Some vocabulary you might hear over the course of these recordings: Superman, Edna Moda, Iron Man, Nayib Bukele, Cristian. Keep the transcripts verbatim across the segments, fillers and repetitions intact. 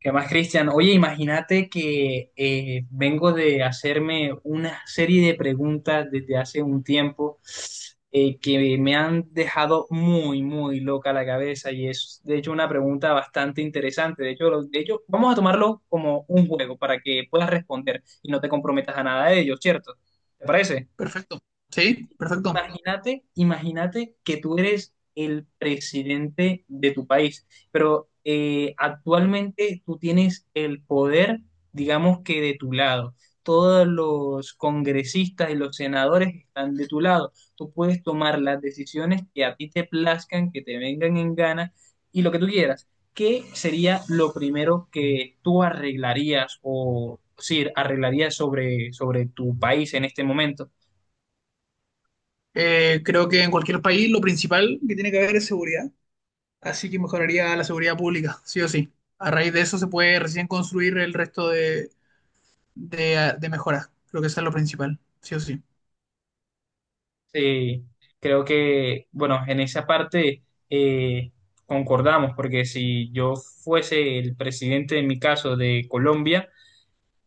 ¿Qué más, Cristian? Oye, imagínate que eh, vengo de hacerme una serie de preguntas desde hace un tiempo eh, que me han dejado muy, muy loca la cabeza y es, de hecho, una pregunta bastante interesante. De hecho, lo- de hecho, vamos a tomarlo como un juego para que puedas responder y no te comprometas a nada de ello, ¿cierto? ¿Te parece? Perfecto. Sí, perfecto. Imagínate, imagínate que tú eres el presidente de tu país, pero eh, actualmente tú tienes el poder, digamos que de tu lado. Todos los congresistas y los senadores están de tu lado. Tú puedes tomar las decisiones que a ti te plazcan, que te vengan en gana y lo que tú quieras. ¿Qué sería lo primero que tú arreglarías o sí, arreglarías sobre, sobre tu país en este momento? Eh, creo que en cualquier país lo principal que tiene que haber es seguridad, así que mejoraría la seguridad pública, sí o sí. A raíz de eso se puede recién construir el resto de, de, de mejoras. Creo que eso es lo principal, sí o sí. Sí, creo que, bueno, en esa parte eh, concordamos, porque si yo fuese el presidente, en mi caso, de Colombia,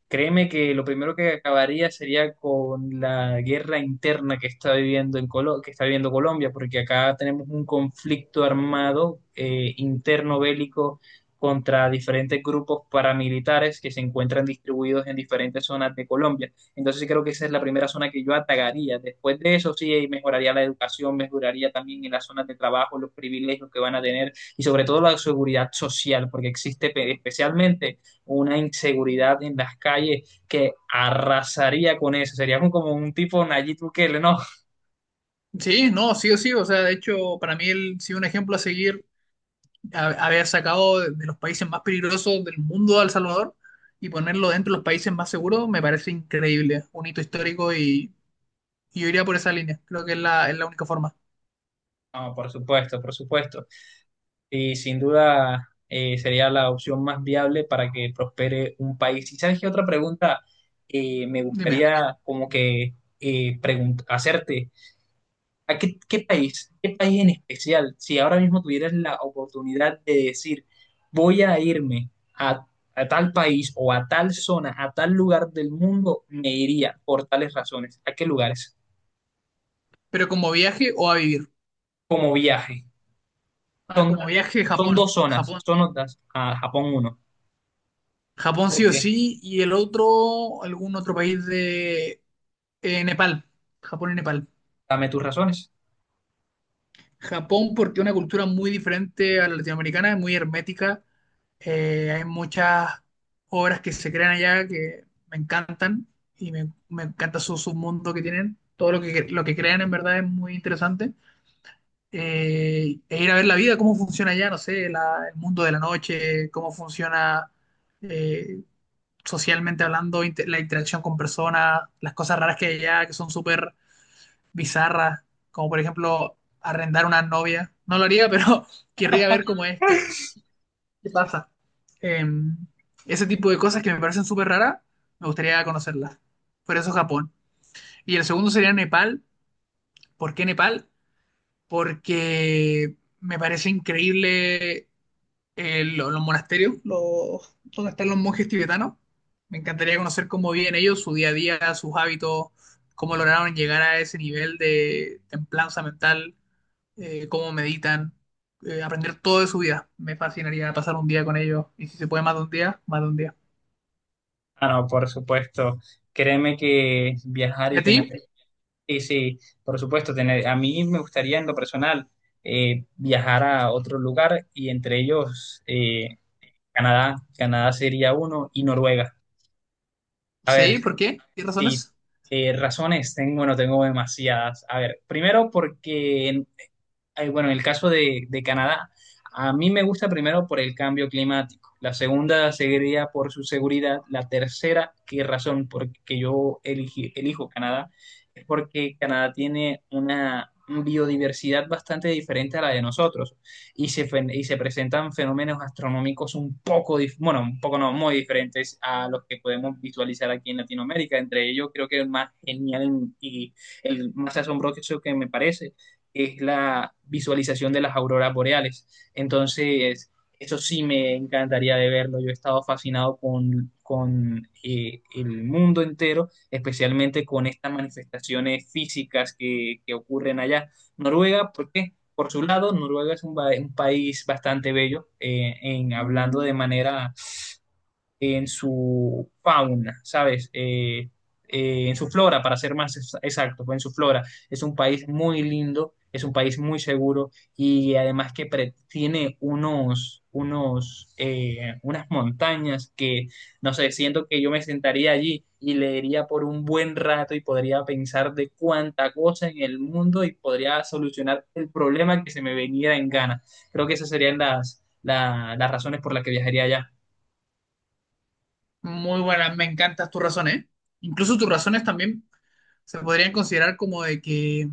créeme que lo primero que acabaría sería con la guerra interna que está viviendo en Colo- que está viviendo Colombia, porque acá tenemos un conflicto armado eh, interno bélico contra diferentes grupos paramilitares que se encuentran distribuidos en diferentes zonas de Colombia. Entonces sí creo que esa es la primera zona que yo atacaría. Después de eso sí mejoraría la educación, mejoraría también en las zonas de trabajo, los privilegios que van a tener y sobre todo la seguridad social, porque existe pe- especialmente una inseguridad en las calles que arrasaría con eso. Sería como un tipo Nayib Bukele, ¿no? Sí, no, sí o sí. O sea, de hecho, para mí el, sí un ejemplo a seguir, a- haber sacado de, de los países más peligrosos del mundo a El Salvador y ponerlo dentro de los países más seguros, me parece increíble, un hito histórico y, y yo iría por esa línea. Creo que es la, es la única forma. No, por supuesto, por supuesto. Y sin duda eh, sería la opción más viable para que prospere un país. ¿Y sabes qué otra pregunta eh, me Dime. gustaría como que eh, pregun- hacerte? ¿A qué, qué país? ¿Qué país en especial? Si ahora mismo tuvieras la oportunidad de decir, voy a irme a, a tal país o a tal zona, a tal lugar del mundo, me iría por tales razones. ¿A qué lugares? Pero ¿como viaje o a vivir? Como viaje. Ah, Son, como viaje, son Japón. dos zonas, Japón. son otras, a Japón uno. Japón ¿Por sí o qué? sí. Y el otro, algún otro país de eh, Nepal. Japón y Nepal. Dame tus razones. Japón porque es una cultura muy diferente a la latinoamericana, es muy hermética. Eh, hay muchas obras que se crean allá que me encantan y me, me encanta su submundo que tienen. Todo lo que, lo que crean en verdad es muy interesante. Eh, e ir a ver la vida, cómo funciona allá, no sé, la- el mundo de la noche, cómo funciona eh, socialmente hablando, inte- la interacción con personas, las cosas raras que hay allá, que son súper bizarras, como por ejemplo arrendar una novia. No lo haría, pero querría ver cómo es, qué, qué pasa. Eh, Ese tipo de cosas que me parecen súper raras, me gustaría conocerlas. Por eso Japón. Y el segundo sería Nepal. ¿Por qué Nepal? Porque me parece increíble, eh, lo- los monasterios, los, donde están los monjes tibetanos. Me encantaría conocer cómo viven ellos, su día a día, sus hábitos, cómo lograron llegar a ese nivel de templanza mental, eh, cómo meditan, eh, aprender todo de su vida. Me fascinaría pasar un día con ellos y si se puede más de un día, más de un día. Ah, no, por supuesto. Créeme que viajar ¿Y y a tener ti? sí, sí, por supuesto, tener, a mí me gustaría en lo personal eh, viajar a otro lugar y entre ellos eh, Canadá, Canadá sería uno y Noruega. A ver, Sí, ¿por qué? ¿Qué sí, razones? eh, razones, tengo, bueno, tengo demasiadas. A ver, primero porque eh, bueno, en el caso de, de Canadá, a mí me gusta primero por el cambio climático, la segunda sería por su seguridad, la tercera, qué razón porque yo elegí- elijo Canadá, es porque Canadá tiene una biodiversidad bastante diferente a la de nosotros y se, fen- y se presentan fenómenos astronómicos un poco, dif- bueno, un poco no, muy diferentes a los que podemos visualizar aquí en Latinoamérica. Entre ellos, creo que el más genial y el más asombroso que me parece es la visualización de las auroras boreales. Entonces, eso sí me encantaría de verlo. Yo he estado fascinado con, con eh, el mundo entero, especialmente con estas manifestaciones físicas que, que ocurren allá. Noruega, ¿por qué? Por su lado, Noruega es un, ba- un país bastante bello, eh, en hablando de manera en su fauna, ¿sabes? Eh, eh, en su flora, para ser más ex- exactos, en su flora. Es un país muy lindo, es un país muy seguro y además que pre- tiene unos, unos, eh, unas montañas que, no sé, siento que yo me sentaría allí y leería por un buen rato y podría pensar de cuánta cosa en el mundo y podría solucionar el problema que se me venía en gana. Creo que esas serían las, la- las razones por las que viajaría allá. Muy buenas, me encantan tus razones. Incluso tus razones también se podrían considerar como de que,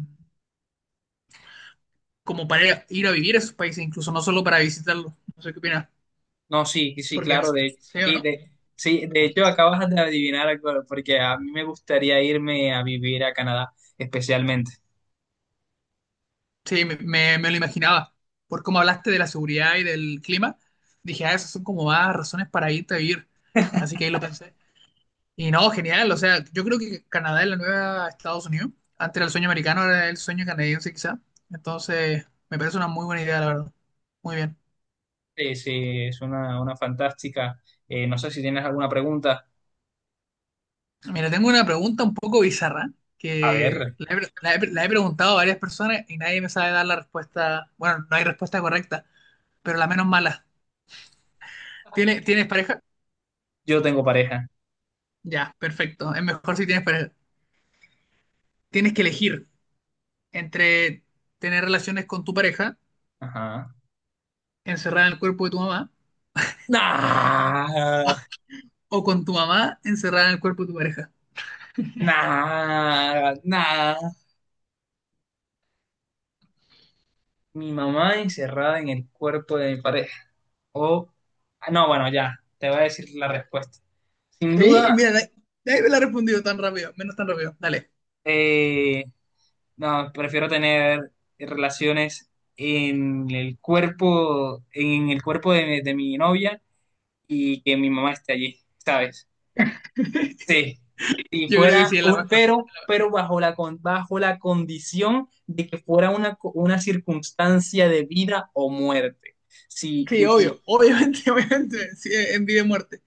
como para ir a vivir a esos países, incluso no solo para visitarlos. No sé qué opinas. No, sí, sí, Porque al claro, de, feo, sí, ¿no? de, sí, de hecho acabas de adivinar algo, porque a mí me gustaría irme a vivir a Canadá, especialmente. Sí, me, me- me lo imaginaba. Por cómo hablaste de la seguridad y del clima, dije, ah, esas son como más razones para irte a vivir. Así que ahí lo pensé. Y no, genial. O sea, yo creo que Canadá es la nueva Estados Unidos. Antes era el sueño americano, ahora es el sueño canadiense quizá. Entonces, me parece una muy buena idea, la verdad. Muy bien. Sí, sí, es una, una fantástica. Eh, no sé si tienes alguna pregunta. Mira, tengo una pregunta un poco bizarra A que ver, la he, pre- la he pre- la he preguntado a varias personas y nadie me sabe dar la respuesta. Bueno, no hay respuesta correcta, pero la menos mala. ¿Tiene- ¿Tienes pareja? yo tengo pareja. Ya, perfecto. Es mejor si tienes pareja. Tienes que elegir entre tener relaciones con tu pareja, Ajá. encerrada en el cuerpo de tu mamá, Nah, o con tu mamá, encerrada en el cuerpo de tu pareja. nah, nah. Mi mamá encerrada en el cuerpo de mi pareja. O, ah, no, bueno, ya, te voy a decir la respuesta. Sin Sí, duda, mira, nadie nadie me la ha respondido tan rápido, menos tan rápido. Dale. eh, no, prefiero tener relaciones en el cuerpo, en el cuerpo de, de mi novia y que mi mamá esté allí, ¿sabes? Sí. Si Yo creo que fuera sí es la un, mejor. pero, pero bajo la, con- bajo la condición de que fuera una, co- una circunstancia de vida o muerte. Si Sí, obvio, obviamente, obviamente, sí, en vida y muerte.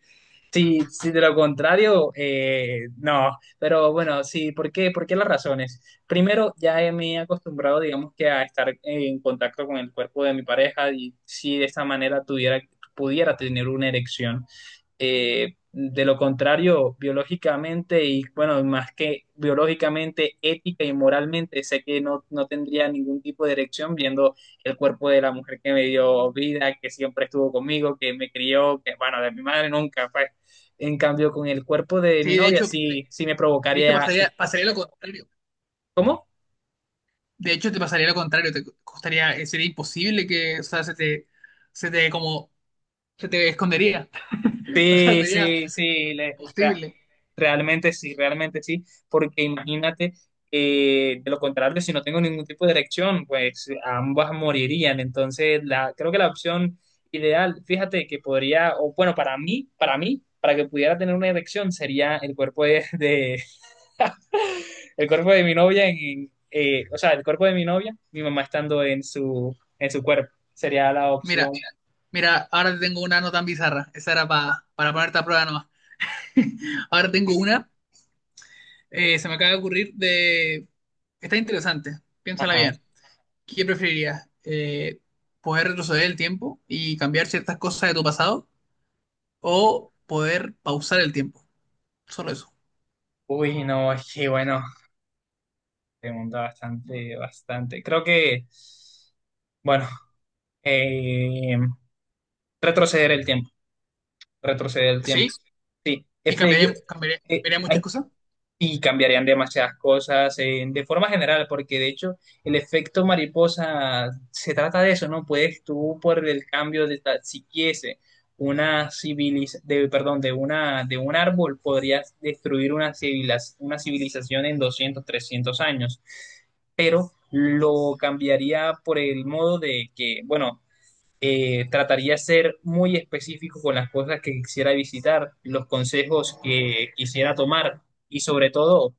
sí, sí, de lo contrario, eh, no. Pero bueno, sí, ¿por qué? ¿Por qué las razones? Primero, ya he- me he acostumbrado, digamos que a estar en contacto con el cuerpo de mi pareja y si de esta manera tuviera, pudiera tener una erección. Eh, de lo contrario, biológicamente y bueno, más que biológicamente, ética y moralmente, sé que no, no tendría ningún tipo de erección viendo el cuerpo de la mujer que me dio vida, que siempre estuvo conmigo, que me crió, que bueno, de mi madre nunca fue. En cambio, con el cuerpo de mi Sí, de novia hecho, de, sí, sí me de hecho provocaría. pasaría, pasaría lo contrario. ¿Cómo? De hecho, te pasaría lo contrario, te costaría, eh, sería imposible que, o sea, se te, se te como, se te escondería. O sea, Sí, sería sí, sí, le- re- posible. realmente sí, realmente sí, porque imagínate, eh, de lo contrario, si no tengo ningún tipo de erección, pues ambas morirían. Entonces, la, creo que la opción ideal, fíjate que podría, o bueno, para mí, para mí, para que pudiera tener una erección sería el cuerpo de, de- el cuerpo de mi novia, en, eh, o sea, el cuerpo de mi novia, mi mamá estando en su, en su cuerpo, sería la opción. Mira, mira, ahora te tengo una no tan bizarra. Esa era pa- para ponerte a prueba nomás. Ahora tengo una, eh, se me acaba de ocurrir de... Está interesante, piénsala Ajá. bien. ¿Qué preferirías? Eh, ¿poder retroceder el tiempo y cambiar ciertas cosas de tu pasado? ¿O poder pausar el tiempo? Solo eso. Uy, no, es que bueno, pregunta bastante, bastante. Creo que, bueno, eh, retroceder el tiempo, retroceder el tiempo. ¿Sí? Sí, ¿Y efe- cambiaría, cambiaría, eh, cambiaría muchas hay cosas? y cambiarían demasiadas cosas eh, de forma general, porque de hecho el efecto mariposa se trata de eso, ¿no? Puedes tú por el cambio de ta- si quise una civiliz de, perdón, de una de un árbol podrías destruir una civilas una civilización en doscientos trescientos años, pero lo cambiaría por el modo de que, bueno, eh, trataría de ser muy específico con las cosas que quisiera visitar, los consejos que quisiera tomar y sobre todo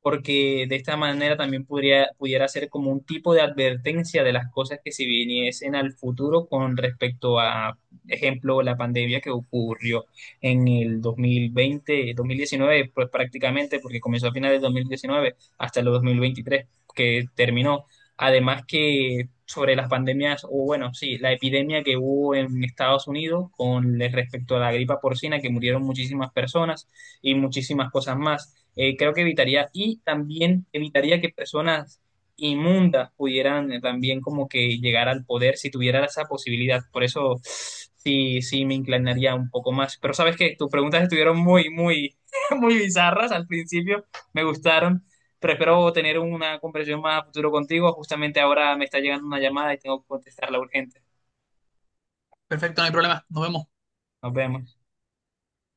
porque de esta manera también podría, pudiera ser como un tipo de advertencia de las cosas que se viniesen al futuro con respecto a, ejemplo, la pandemia que ocurrió en el dos mil veinte, dos mil diecinueve, pues prácticamente, porque comenzó a finales de dos mil diecinueve hasta el dos mil veintitrés, que terminó. Además que sobre las pandemias, o bueno, sí, la epidemia que hubo en Estados Unidos con respecto a la gripa porcina, que murieron muchísimas personas y muchísimas cosas más. Eh, creo que evitaría y también evitaría que personas inmundas pudieran eh, también como que llegar al poder si tuviera esa posibilidad. Por eso sí, sí me inclinaría un poco más. Pero sabes que tus preguntas estuvieron muy, muy, muy bizarras al principio. Me gustaron. Pero espero tener una conversación más a futuro contigo. Justamente ahora me está llegando una llamada y tengo que contestarla urgente. Perfecto, no hay problema. Nos vemos. Nos vemos.